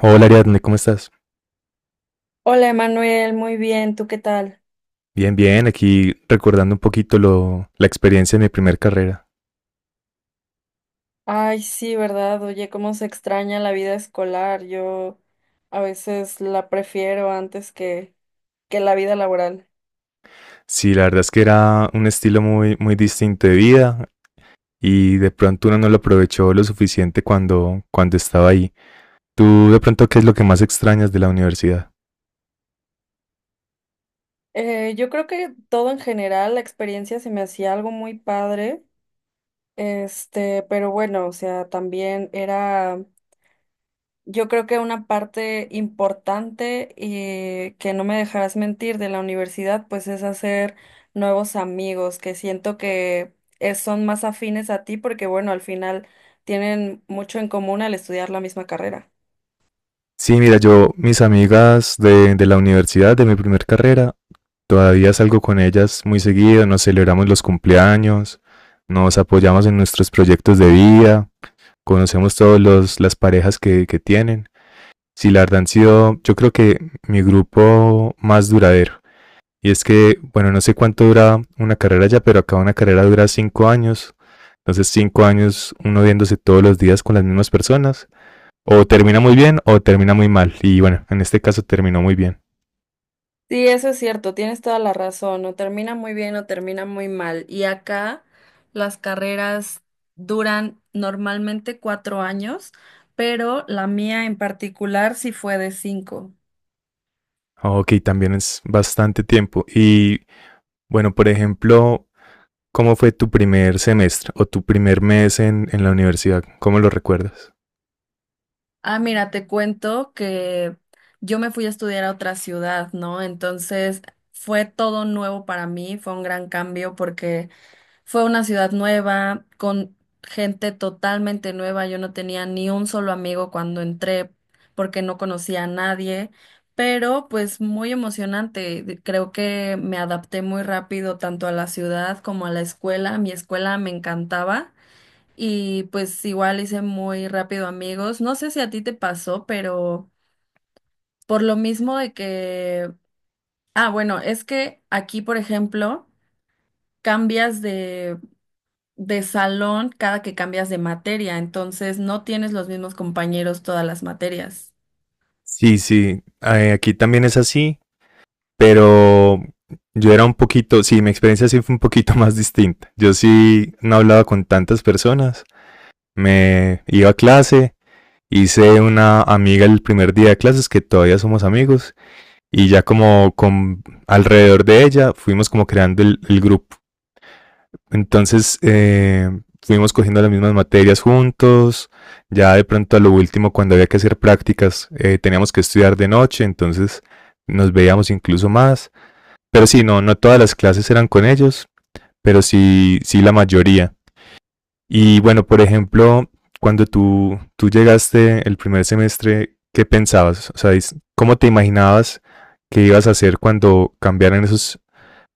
Hola Ariadne, ¿cómo estás? Hola Emanuel, muy bien, ¿tú qué tal? Bien, bien, aquí recordando un poquito la experiencia de mi primer carrera. Ay, sí, ¿verdad? Oye, cómo se extraña la vida escolar. Yo a veces la prefiero antes que la vida laboral. Sí, la verdad es que era un estilo muy distinto de vida y de pronto uno no lo aprovechó lo suficiente cuando estaba ahí. ¿Tú de pronto qué es lo que más extrañas de la universidad? Yo creo que todo en general, la experiencia se me hacía algo muy padre, este, pero bueno, o sea, también era. Yo creo que una parte importante y que no me dejarás mentir de la universidad, pues es hacer nuevos amigos que siento que son más afines a ti porque bueno, al final tienen mucho en común al estudiar la misma carrera. Sí, mira, mis amigas de la universidad, de mi primer carrera, todavía salgo con ellas muy seguido, nos celebramos los cumpleaños, nos apoyamos en nuestros proyectos de vida, conocemos todos los las parejas que tienen. Sí, la verdad han sido, yo creo que mi grupo más duradero. Y es que, bueno, no sé cuánto dura una carrera ya, pero acá una carrera dura 5 años. Entonces, 5 años uno viéndose todos los días con las mismas personas. O termina muy bien o termina muy mal. Y bueno, en este caso terminó muy bien. Sí, eso es cierto, tienes toda la razón, o termina muy bien o termina muy mal. Y acá las carreras duran normalmente 4 años, pero la mía en particular sí fue de cinco. Ok, también es bastante tiempo. Y bueno, por ejemplo, ¿cómo fue tu primer semestre o tu primer mes en la universidad? ¿Cómo lo recuerdas? Ah, mira, te cuento que yo me fui a estudiar a otra ciudad, ¿no? Entonces fue todo nuevo para mí, fue un gran cambio porque fue una ciudad nueva, con gente totalmente nueva. Yo no tenía ni un solo amigo cuando entré porque no conocía a nadie, pero pues muy emocionante. Creo que me adapté muy rápido tanto a la ciudad como a la escuela. Mi escuela me encantaba y pues igual hice muy rápido amigos. No sé si a ti te pasó, pero por lo mismo de que, bueno, es que aquí, por ejemplo, cambias de salón cada que cambias de materia, entonces no tienes los mismos compañeros todas las materias. Sí, sí, aquí también es así, pero yo era un poquito, sí, mi experiencia sí fue un poquito más distinta. Yo sí no hablaba con tantas personas, me iba a clase, hice una amiga el primer día de clases que todavía somos amigos y ya como con alrededor de ella fuimos como creando el grupo entonces, fuimos cogiendo las mismas materias juntos. Ya de pronto a lo último, cuando había que hacer prácticas, teníamos que estudiar de noche, entonces nos veíamos incluso más. Pero sí, no todas las clases eran con ellos, pero sí, sí la mayoría. Y bueno, por ejemplo, cuando tú llegaste el primer semestre, ¿qué pensabas? O sea, ¿cómo te imaginabas que ibas a hacer cuando cambiaran esos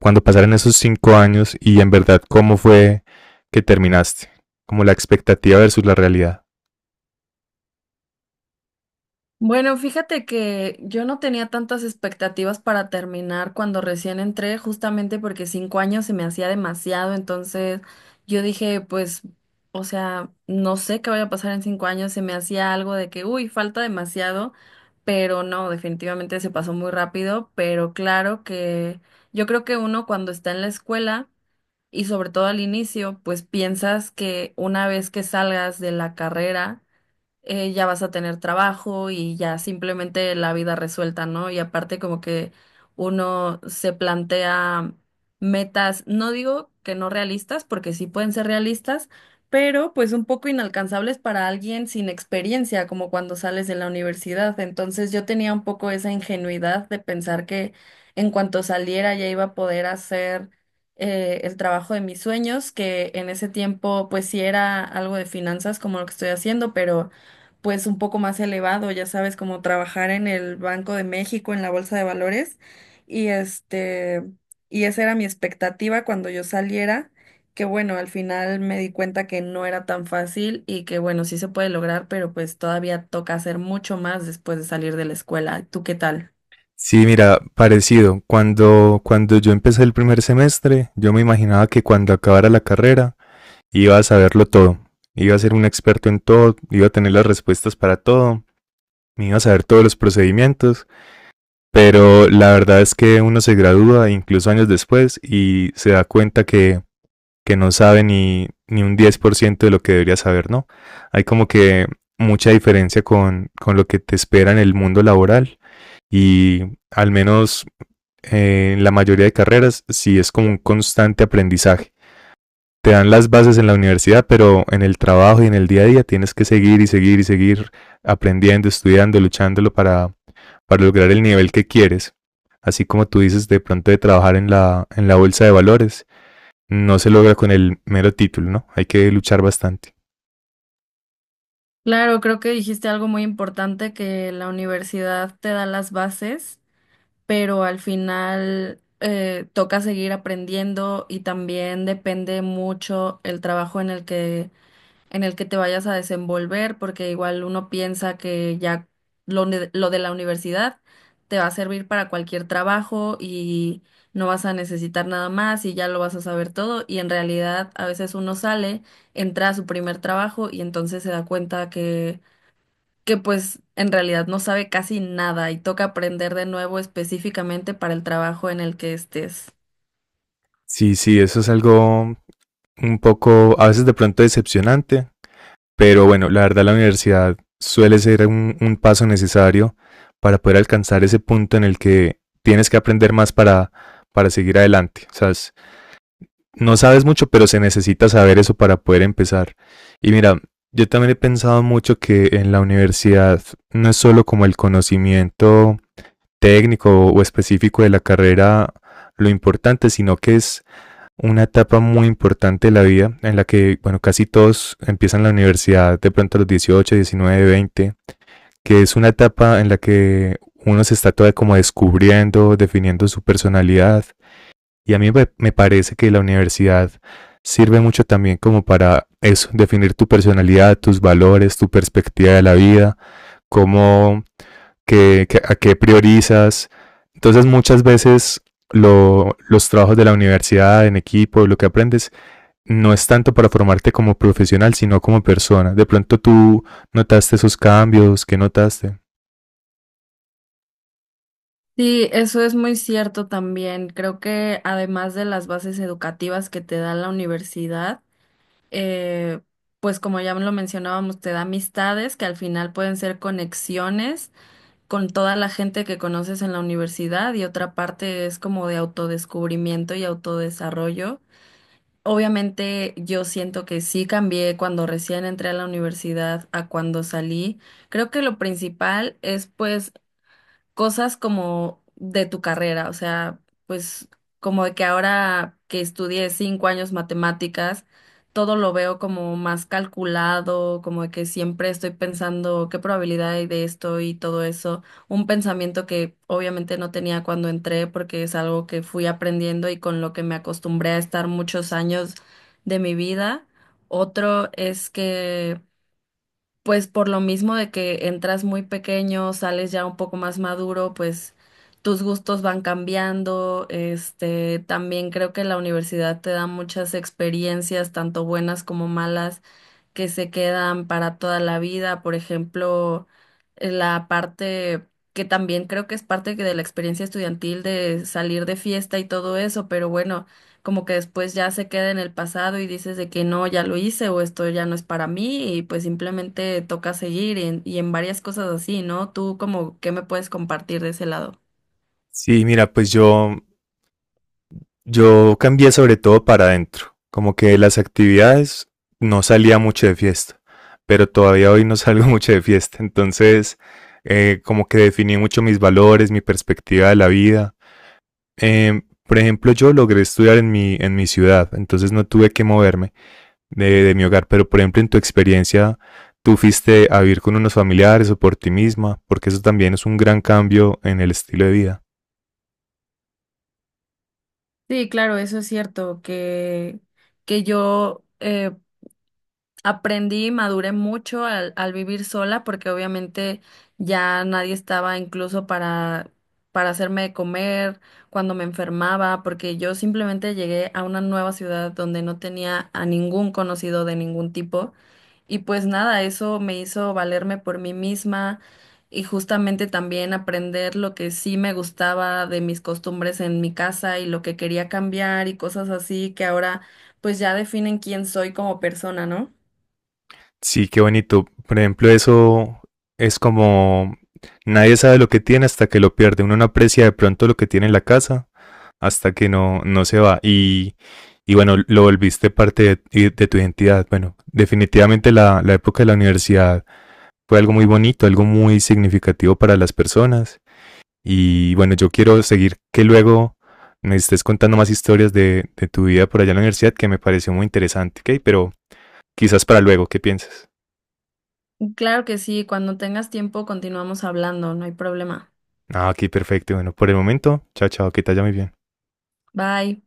cuando pasaron esos 5 años y en verdad cómo fue que terminaste, como la expectativa versus la realidad. Bueno, fíjate que yo no tenía tantas expectativas para terminar cuando recién entré, justamente porque cinco años se me hacía demasiado, entonces yo dije, pues, o sea, no sé qué vaya a pasar en 5 años, se me hacía algo de que, uy, falta demasiado, pero no, definitivamente se pasó muy rápido, pero claro que yo creo que uno cuando está en la escuela y sobre todo al inicio, pues piensas que una vez que salgas de la carrera, ya vas a tener trabajo y ya simplemente la vida resuelta, ¿no? Y aparte como que uno se plantea metas, no digo que no realistas, porque sí pueden ser realistas, pero pues un poco inalcanzables para alguien sin experiencia, como cuando sales de la universidad. Entonces yo tenía un poco esa ingenuidad de pensar que en cuanto saliera ya iba a poder hacer el trabajo de mis sueños, que en ese tiempo pues sí era algo de finanzas como lo que estoy haciendo, pero pues un poco más elevado, ya sabes, como trabajar en el Banco de México, en la Bolsa de Valores, y este, y esa era mi expectativa cuando yo saliera, que bueno, al final me di cuenta que no era tan fácil y que bueno, sí se puede lograr, pero pues todavía toca hacer mucho más después de salir de la escuela. ¿Tú qué tal? Sí, mira, parecido. Cuando yo empecé el primer semestre, yo me imaginaba que cuando acabara la carrera iba a saberlo todo. Iba a ser un experto en todo, iba a tener las respuestas para todo, me iba a saber todos los procedimientos, pero la verdad es que uno se gradúa incluso años después y se da cuenta que no sabe ni un 10% de lo que debería saber, ¿no? Hay como que mucha diferencia con lo que te espera en el mundo laboral y al menos en la mayoría de carreras sí es como un constante aprendizaje. Te dan las bases en la universidad, pero en el trabajo y en el día a día tienes que seguir y seguir y seguir aprendiendo, estudiando, luchándolo para lograr el nivel que quieres. Así como tú dices de pronto de trabajar en en la bolsa de valores, no se logra con el mero título, ¿no? Hay que luchar bastante. Claro, creo que dijiste algo muy importante, que la universidad te da las bases, pero al final toca seguir aprendiendo y también depende mucho el trabajo en el que te vayas a desenvolver, porque igual uno piensa que ya lo de la universidad te va a servir para cualquier trabajo y no vas a necesitar nada más y ya lo vas a saber todo, y en realidad a veces uno sale, entra a su primer trabajo y entonces se da cuenta que pues en realidad no sabe casi nada y toca aprender de nuevo específicamente para el trabajo en el que estés. Sí, sí, eso es algo un poco, a veces de pronto decepcionante, pero bueno, la verdad la universidad suele ser un paso necesario para poder alcanzar ese punto en el que tienes que aprender más para seguir adelante. O sea, no sabes mucho, pero se necesita saber eso para poder empezar. Y mira, yo también he pensado mucho que en la universidad no es solo como el conocimiento técnico o específico de la carrera lo importante, sino que es una etapa muy importante de la vida en la que, bueno, casi todos empiezan la universidad de pronto a los 18, 19, 20, que es una etapa en la que uno se está todavía como descubriendo, definiendo su personalidad. Y a mí me parece que la universidad sirve mucho también como para eso, definir tu personalidad, tus valores, tu perspectiva de la vida cómo, a qué priorizas. Entonces muchas veces los trabajos de la universidad en equipo, lo que aprendes, no es tanto para formarte como profesional, sino como persona. De pronto tú notaste esos cambios, ¿qué notaste? Sí, eso es muy cierto también. Creo que además de las bases educativas que te da la universidad, eh, pues como ya lo mencionábamos, te da amistades que al final pueden ser conexiones con toda la gente que conoces en la universidad, y otra parte es como de autodescubrimiento y autodesarrollo. Obviamente yo siento que sí cambié cuando recién entré a la universidad a cuando salí. Creo que lo principal es pues cosas como de tu carrera, o sea, pues como de que ahora que estudié 5 años matemáticas, todo lo veo como más calculado, como de que siempre estoy pensando qué probabilidad hay de esto y todo eso, un pensamiento que obviamente no tenía cuando entré porque es algo que fui aprendiendo y con lo que me acostumbré a estar muchos años de mi vida. Otro es que pues por lo mismo de que entras muy pequeño, sales ya un poco más maduro, pues tus gustos van cambiando. Este, también creo que la universidad te da muchas experiencias, tanto buenas como malas, que se quedan para toda la vida, por ejemplo, la parte que también creo que es parte que de la experiencia estudiantil de salir de fiesta y todo eso, pero bueno, como que después ya se queda en el pasado y dices de que no, ya lo hice o esto ya no es para mí y pues simplemente toca seguir, y en varias cosas así, ¿no? Tú como, ¿qué me puedes compartir de ese lado? Sí, mira, pues yo cambié sobre todo para adentro. Como que de las actividades no salía mucho de fiesta, pero todavía hoy no salgo mucho de fiesta. Entonces, como que definí mucho mis valores, mi perspectiva de la vida. Eh, por ejemplo, yo logré estudiar en en mi ciudad, entonces no tuve que moverme de mi hogar, pero por ejemplo, en tu experiencia, tú fuiste a vivir con unos familiares o por ti misma, porque eso también es un gran cambio en el estilo de vida. Sí, claro, eso es cierto, que yo aprendí y maduré mucho al vivir sola porque obviamente ya nadie estaba incluso para hacerme de comer cuando me enfermaba, porque yo simplemente llegué a una nueva ciudad donde no tenía a ningún conocido de ningún tipo. Y pues nada, eso me hizo valerme por mí misma y justamente también aprender lo que sí me gustaba de mis costumbres en mi casa y lo que quería cambiar y cosas así que ahora pues ya definen quién soy como persona, ¿no? Sí, qué bonito. Por ejemplo, eso es como nadie sabe lo que tiene hasta que lo pierde. Uno no aprecia de pronto lo que tiene en la casa hasta que no se va. Y bueno, lo volviste parte de tu identidad. Bueno, definitivamente la época de la universidad fue algo muy bonito, algo muy significativo para las personas. Y bueno, yo quiero seguir que luego me estés contando más historias de tu vida por allá en la universidad que me pareció muy interesante, ¿ok? Pero quizás para luego, ¿qué piensas? Claro que sí, cuando tengas tiempo continuamos hablando, no hay problema. Ah, ok, perfecto. Bueno, por el momento, chao, chao, que te vaya muy bien. Bye.